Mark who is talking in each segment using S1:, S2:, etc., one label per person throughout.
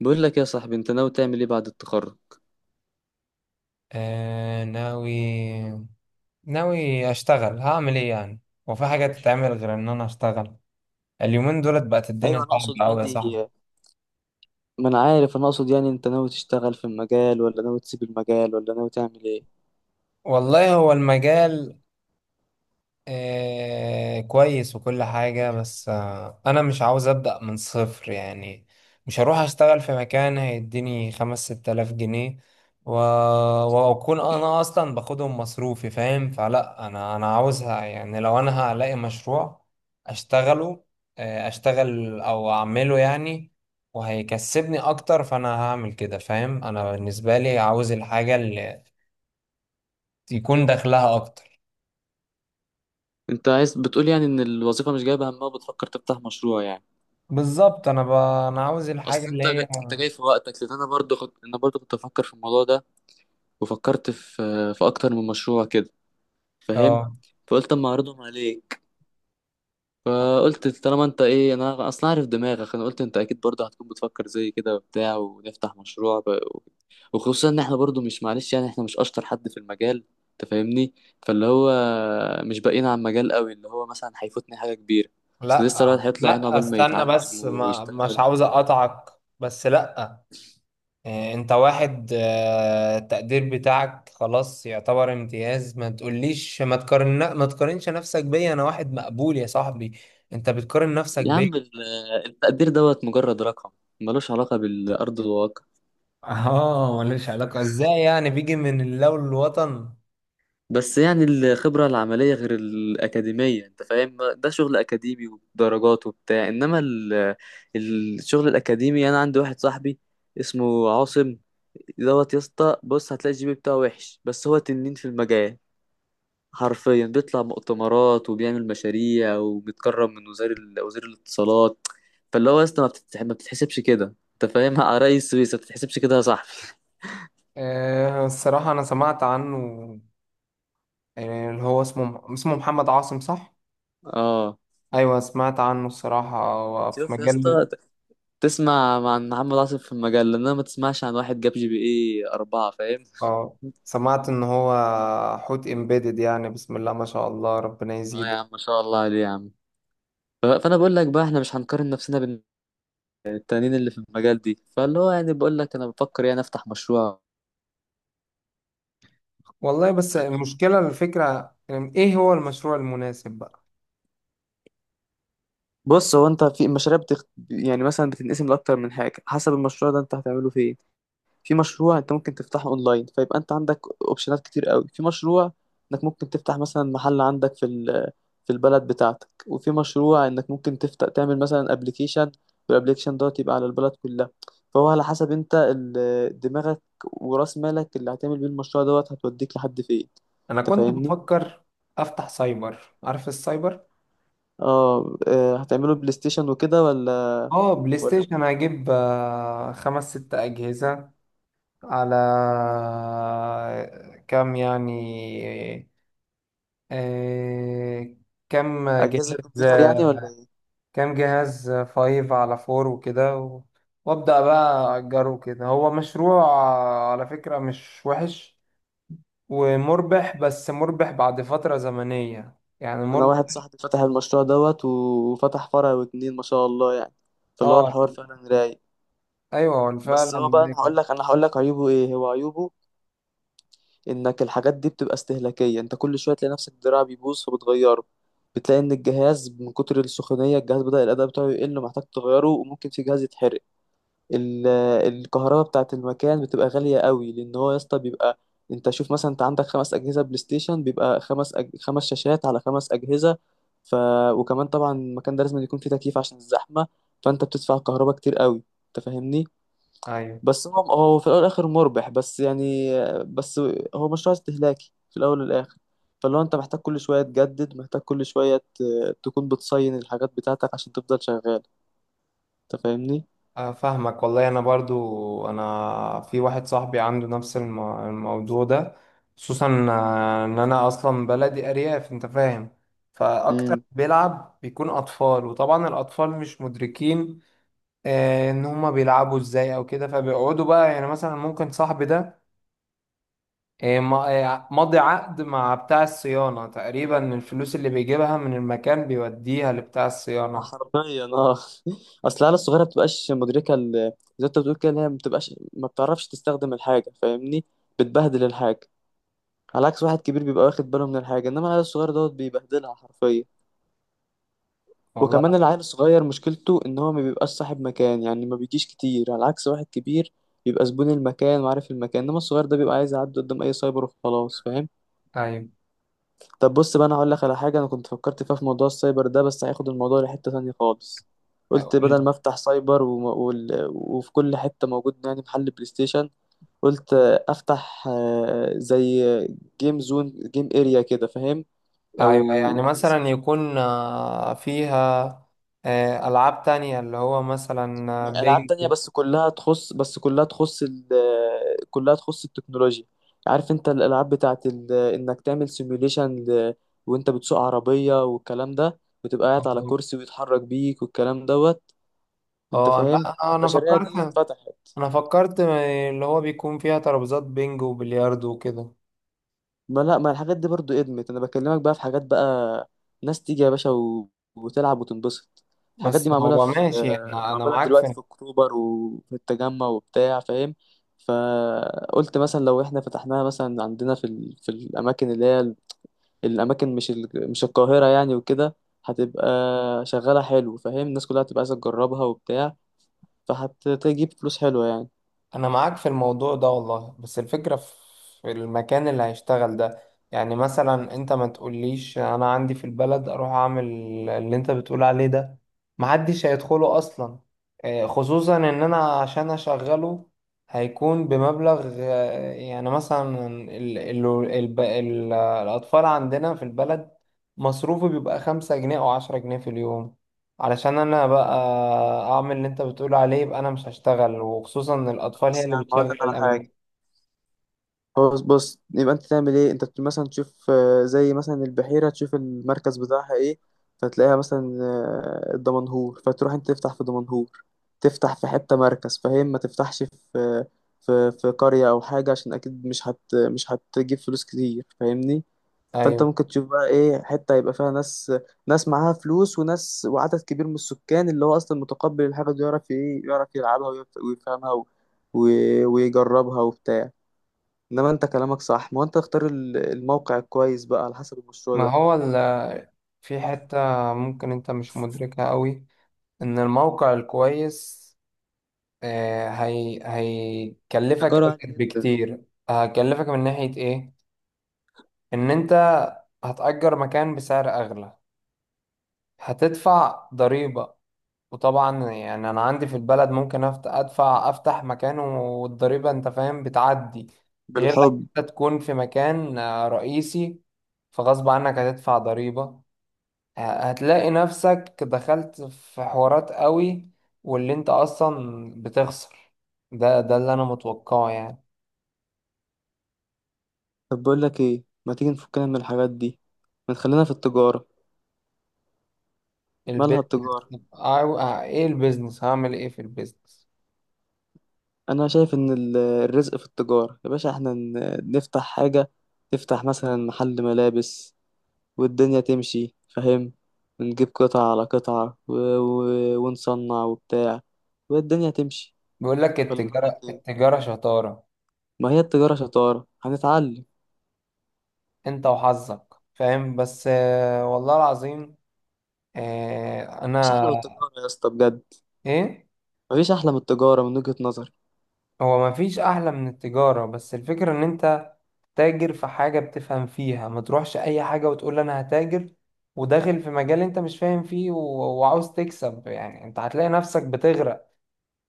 S1: بقول لك يا صاحبي، انت ناوي تعمل ايه بعد التخرج؟
S2: آه، ناوي. ناوي اشتغل، هعمل ايه يعني؟ هو في حاجة تتعمل غير ان انا اشتغل؟ اليومين دولت بقت الدنيا
S1: ايوه، انا اقصد
S2: صعبة اوي يا
S1: يعني
S2: صاحبي.
S1: ما انا عارف، انا اقصد يعني انت ناوي تشتغل في المجال ولا ناوي تسيب المجال ولا ناوي تعمل ايه؟
S2: والله هو المجال كويس وكل حاجة، بس أنا مش عاوز أبدأ من صفر يعني. مش هروح أشتغل في مكان هيديني خمس ست آلاف جنيه و... وأكون أنا أصلا باخدهم مصروفي، فاهم؟ فلا، أنا عاوزها يعني. لو أنا هلاقي مشروع أشتغله، آه أشتغل أو أعمله يعني، وهيكسبني أكتر، فأنا هعمل كده، فاهم. أنا بالنسبة لي عاوز الحاجة اللي يكون دخلها أكتر.
S1: انت عايز بتقول يعني ان الوظيفه مش جايبه همها وبتفكر تفتح مشروع يعني؟
S2: بالظبط. انا عاوز الحاجه
S1: اصل
S2: اللي هي.
S1: انت جاي في وقتك، لان انا برضو كنت افكر في الموضوع ده، وفكرت في اكتر من مشروع كده، فاهم؟
S2: اه،
S1: فقلت اما اعرضهم عليك. فقلت طالما انت ايه، انا اصلا عارف دماغك. انا قلت انت اكيد برضه هتكون بتفكر زي كده وبتاع، ونفتح مشروع بقى وخصوصا ان احنا برضه، مش معلش يعني، احنا مش اشطر حد في المجال، انت فاهمني. فاللي هو مش باقيين على المجال قوي اللي هو مثلا هيفوتني حاجه كبيره. اصل لسه
S2: لا
S1: الواحد هيطلع عينه
S2: لا،
S1: عقبال ما
S2: استنى
S1: يتعلم
S2: بس، ما مش
S1: ويشتغل
S2: عاوز
S1: وبتاع.
S2: اقطعك. بس لا، إيه، انت واحد، التقدير بتاعك خلاص يعتبر امتياز، ما تقوليش، ما تقارنش نفسك بيا، انا واحد مقبول يا صاحبي، انت بتقارن نفسك
S1: يا
S2: بيا.
S1: عم التقدير دوت مجرد رقم، ملوش علاقه بالارض الواقع.
S2: اه، ملوش علاقة ازاي يعني؟ بيجي من اللو الوطن.
S1: بس يعني الخبرة العملية غير الأكاديمية، أنت فاهم؟ ده شغل أكاديمي ودرجات وبتاع، إنما الشغل الأكاديمي، أنا عندي واحد صاحبي اسمه عاصم دوت، يا اسطى بص، هتلاقي الجي بي بتاعه وحش، بس هو تنين في المجال. حرفيا بيطلع مؤتمرات وبيعمل مشاريع وبيتكرم من وزير الاتصالات. فاللي هو يا اسطى، ما بتتحسبش كده، أنت فاهم؟ رئيس سويسرا ما بتتحسبش كده يا صاحبي.
S2: الصراحة أنا سمعت عنه. اللي هو اسمه محمد عاصم، صح؟
S1: اه.
S2: أيوة، سمعت عنه الصراحة في
S1: شوف يا
S2: مجلة.
S1: اسطى، تسمع عن محمد عاصم في المجال، لأنها ما تسمعش عن واحد جاب جي بي ايه أربعة، فاهم.
S2: اه، سمعت ان هو حوت امبيدد، يعني بسم الله ما شاء الله، ربنا
S1: اه يا
S2: يزيد.
S1: عم، ما شاء الله عليه يا عم. فأنا بقول لك بقى احنا مش هنقارن نفسنا بين التانيين اللي في المجال دي، فاللي هو يعني بقول لك، أنا بفكر يعني أفتح مشروع،
S2: والله بس
S1: فاهم.
S2: المشكلة الفكرة ايه، هو المشروع المناسب بقى.
S1: بص، هو انت في يعني مثلا بتنقسم لاكتر من حاجه، حسب المشروع ده انت هتعمله فين. في مشروع انت ممكن تفتحه اونلاين، فيبقى انت عندك اوبشنات كتير قوي. في مشروع انك ممكن تفتح مثلا محل عندك في البلد بتاعتك، وفي مشروع انك ممكن تفتح تعمل مثلا ابلكيشن، والابلكيشن دوت يبقى على البلد كلها. فهو على حسب انت دماغك وراس مالك اللي هتعمل بيه المشروع دوت، هتوديك لحد فين،
S2: انا
S1: انت
S2: كنت
S1: فاهمني؟
S2: بفكر افتح سايبر، عارف السايبر؟
S1: اه هتعمله بلاي ستيشن وكده ولا؟
S2: اه، بلاي
S1: ولا
S2: ستيشن هجيب خمس ست اجهزة. على كام يعني، آه، كام
S1: اجهزه
S2: جهاز،
S1: كمبيوتر يعني، ولا ايه؟
S2: كام جهاز، 5 على 4 وكده وابدا بقى اجره كده. هو مشروع على فكرة مش وحش ومربح، بس مربح بعد فترة زمنية، يعني
S1: انا واحد
S2: مربح.
S1: صاحبي فتح المشروع دوت وفتح فرع واتنين، ما شاء الله يعني، فاللي هو
S2: اه.
S1: الحوار فعلا رايق.
S2: ايوه، هو
S1: بس
S2: فعلا
S1: هو بقى، انا هقول
S2: ناجح.
S1: لك انا هقول لك عيوبه ايه. هو عيوبه انك الحاجات دي بتبقى استهلاكية، انت كل شوية تلاقي نفسك الدراع بيبوظ فبتغيره. بتلاقي ان الجهاز من كتر السخونية الجهاز بدأ الأداء بتاعه يقل ومحتاج تغيره، وممكن في جهاز يتحرق. ال- الكهرباء بتاعة المكان بتبقى غالية قوي، لأن هو يا اسطى بيبقى، انت شوف مثلا، انت عندك 5 أجهزة بلاي ستيشن، بيبقى 5 شاشات على 5 أجهزة. ف... وكمان طبعا المكان ده لازم يكون فيه تكييف عشان الزحمة، فانت بتدفع كهرباء كتير قوي، انت فاهمني.
S2: ايوه،
S1: بس هو في الاول والاخر مربح، بس يعني، بس هو مشروع استهلاكي في الاول والاخر. فلو انت محتاج كل شويه تجدد، محتاج كل شويه تكون بتصين الحاجات بتاعتك عشان تفضل شغال، انت فاهمني؟
S2: فاهمك والله. انا برضو انا في واحد صاحبي عنده نفس الموضوع ده، خصوصا ان انا اصلا بلدي ارياف انت فاهم. فاكتر
S1: امم.
S2: بيلعب بيكون اطفال، وطبعا الاطفال مش مدركين ان هما بيلعبوا ازاي او كده. فبيقعدوا بقى، يعني مثلا ممكن صاحبي ده آه، ما- مضي عقد مع بتاع الصيانة، تقريبا الفلوس اللي بيجيبها من المكان بيوديها لبتاع الصيانة.
S1: حرفيا اه. اصل العيال الصغيره ما بتبقاش مدركه، زي ما انت بتقول كده، إن هي ما بتبقاش، ما بتعرفش تستخدم الحاجه، فاهمني. بتبهدل الحاجه، على عكس واحد كبير بيبقى واخد باله من الحاجه، انما العيال الصغير دوت بيبهدلها حرفيا.
S2: والله.
S1: وكمان العيل الصغير مشكلته ان هو ما بيبقاش صاحب مكان يعني، ما بيجيش كتير، على عكس واحد كبير بيبقى زبون المكان وعارف المكان، انما الصغير ده بيبقى عايز يعدي قدام اي سايبر وخلاص، فاهم.
S2: ايوه.
S1: طب بص بقى، انا هقول لك على حاجه انا كنت فكرت فيها في موضوع السايبر ده، بس هياخد الموضوع لحته تانية خالص. قلت بدل ما افتح سايبر وفي كل حته موجود يعني محل بلاي ستيشن، قلت افتح زي جيم زون جيم اريا كده، فاهم.
S2: ايوه يعني
S1: او
S2: مثلا يكون فيها العاب تانية، اللي هو مثلا
S1: ما هي ألعاب
S2: بينج.
S1: تانية، بس كلها تخص كلها تخص التكنولوجيا. عارف انت الألعاب بتاعت انك تعمل سيميوليشن وانت بتسوق عربية والكلام ده، وتبقى قاعد على كرسي ويتحرك بيك والكلام دوت، انت
S2: اه،
S1: فاهم
S2: لا،
S1: المشاريع دي اتفتحت.
S2: انا فكرت اللي هو بيكون فيها ترابيزات بينج وبلياردو وكده.
S1: ما لا، ما الحاجات دي برضو ادمت، انا بكلمك بقى في حاجات بقى، ناس تيجي يا باشا و... وتلعب وتنبسط. الحاجات دي
S2: بس هو ماشي يعني،
S1: معمولة دلوقتي في اكتوبر وفي التجمع وبتاع، فاهم. فقلت مثلا لو احنا فتحناها مثلا عندنا في في الاماكن اللي هي الاماكن، مش مش القاهرة يعني وكده، هتبقى شغالة حلو، فاهم، الناس كلها هتبقى عايزة تجربها وبتاع، فهتجيب فلوس حلوة يعني.
S2: انا معاك في الموضوع ده والله. بس الفكرة في المكان اللي هيشتغل ده. يعني مثلا انت ما تقوليش انا عندي في البلد اروح اعمل اللي انت بتقول عليه ده، محدش هيدخله اصلا. خصوصا ان انا عشان اشغله هيكون بمبلغ، يعني مثلا ال ال ال ال الاطفال عندنا في البلد مصروفه بيبقى 5 جنيه او 10 جنيه في اليوم. علشان انا بقى اعمل اللي انت بتقول عليه، يبقى انا مش هشتغل، وخصوصا ان الاطفال هي
S1: خلاص يا
S2: اللي
S1: عم هقول
S2: بتشغل
S1: لك على حاجة،
S2: الاماكن.
S1: خلاص بص، يبقى انت تعمل ايه، انت مثلا تشوف زي مثلا البحيرة، تشوف المركز بتاعها ايه، فتلاقيها مثلا الدمنهور، فتروح انت تفتح في دمنهور، تفتح في حتة مركز، فاهم، ما تفتحش في في قرية او حاجة، عشان اكيد مش هتجيب فلوس كتير، فاهمني. فانت
S2: ايوه.
S1: ممكن تشوف بقى ايه حتة يبقى فيها ناس، ناس معاها فلوس، وناس وعدد كبير من السكان اللي هو اصلا متقبل الحاجة دي، يعرف ايه، يعرف يلعبها ويفهمها ويجربها وبتاع. انما انت كلامك صح، ما هو انت تختار الموقع الكويس بقى على حسب المشروع
S2: ما
S1: ده.
S2: هو ال- في حتة ممكن انت مش مدركها قوي، ان الموقع الكويس هي هيكلفك
S1: ايجاره عالي
S2: اكتر
S1: جدا.
S2: بكتير. هيكلفك من ناحية ايه، ان انت هتأجر مكان بسعر اغلى، هتدفع ضريبة، وطبعا يعني انا عندي في البلد ممكن ادفع افتح مكان، والضريبه انت فاهم بتعدي. غير لما
S1: بالحب.
S2: انت تكون في مكان رئيسي، فغصب عنك هتدفع ضريبه. ه- هتلاقي نفسك دخلت في حوارات قوي، واللي انت اصلا بتخسر، ده اللي انا متوقعه يعني.
S1: طب بقول لك ايه، ما تيجي نفكنا من الحاجات دي، ما تخلينا في التجارة. مالها
S2: البيزنس.
S1: التجارة؟
S2: ايه البيزنس، هعمل ايه في البيزنس؟
S1: انا شايف ان الرزق في التجارة يا باشا، احنا نفتح حاجة، نفتح مثلا محل ملابس والدنيا تمشي، فاهم، ونجيب قطعة على قطعة و... و... ونصنع وبتاع، والدنيا تمشي.
S2: بيقول لك،
S1: ولا رأيك
S2: التجاره
S1: ايه؟
S2: التجاره شطاره.
S1: ما هي التجارة شطارة، هنتعلم.
S2: انت وحظك، فاهم، بس والله العظيم،
S1: مفيش احلى
S2: انا.
S1: من التجارة يا اسطى، بجد،
S2: ايه.
S1: مفيش أحلى من التجارة من وجهة نظري.
S2: هو ما فيش احلى من التجارة، بس الفكرة ان انت تاجر في حاجة بتفهم فيها، ما تروحش اي حاجة وتقول انا هتاجر وداخل في مجال انت مش فاهم فيه، وعاوز تكسب يعني. انت هتلاقي نفسك بتغرق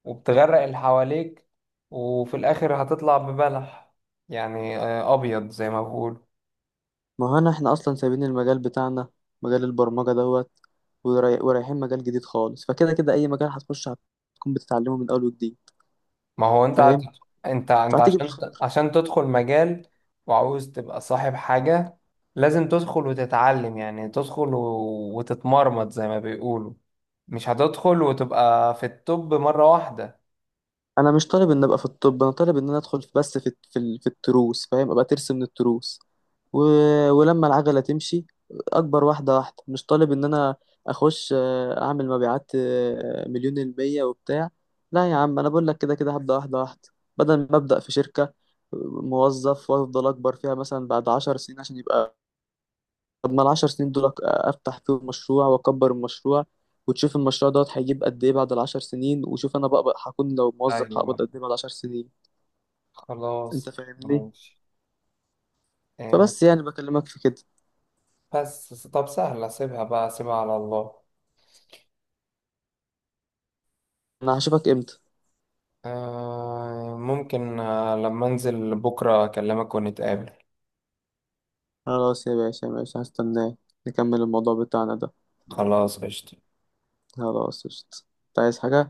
S2: وبتغرق اللي حواليك، وفي الاخر هتطلع ببلح، يعني ابيض زي ما بقول.
S1: ما هو أنا، إحنا أصلا سايبين المجال بتاعنا، مجال البرمجة دوت، ورايحين مجال جديد خالص، فكده كده أي مجال هتخش هتكون بتتعلمه من أول وجديد،
S2: ما هو انت هت-
S1: فاهم،
S2: انت
S1: فهتيجي
S2: عشان
S1: بالخبرة.
S2: عشان تدخل مجال وعاوز تبقى صاحب حاجة، لازم تدخل وتتعلم، يعني تدخل وتتمرمط زي ما بيقولوا، مش هتدخل وتبقى في التوب مرة واحدة.
S1: أنا مش طالب إن أبقى في الطب، أنا طالب إن أنا أدخل بس في التروس، فاهم، أبقى ترس من التروس، و... ولما العجلة تمشي أكبر واحدة واحدة، مش طالب إن أنا أخش أعمل مبيعات مليون المية وبتاع. لا يا عم، أنا بقول لك كده كده هبدأ واحدة واحدة، بدل ما أبدأ في شركة موظف وأفضل أكبر فيها مثلا بعد 10 سنين عشان يبقى. طب ما العشر سنين دول أفتح فيهم مشروع وأكبر المشروع، وتشوف المشروع دوت هيجيب قد إيه بعد العشر سنين، وشوف أنا بقى هكون لو موظف هقبض
S2: ايوه
S1: قد إيه بعد العشر سنين، أنت
S2: خلاص
S1: فاهمني؟
S2: ماشي. آه،
S1: فبس يعني بكلمك في كده.
S2: بس طب سهلة، سيبها بقى، سيبها على الله.
S1: أنا هشوفك إمتى؟
S2: ممكن لما انزل بكرة اكلمك ونتقابل.
S1: خلاص يا باشا ماشي، هستناك، نكمل الموضوع بتاعنا ده.
S2: خلاص قشطة.
S1: خلاص قشطة. أنت عايز حاجة؟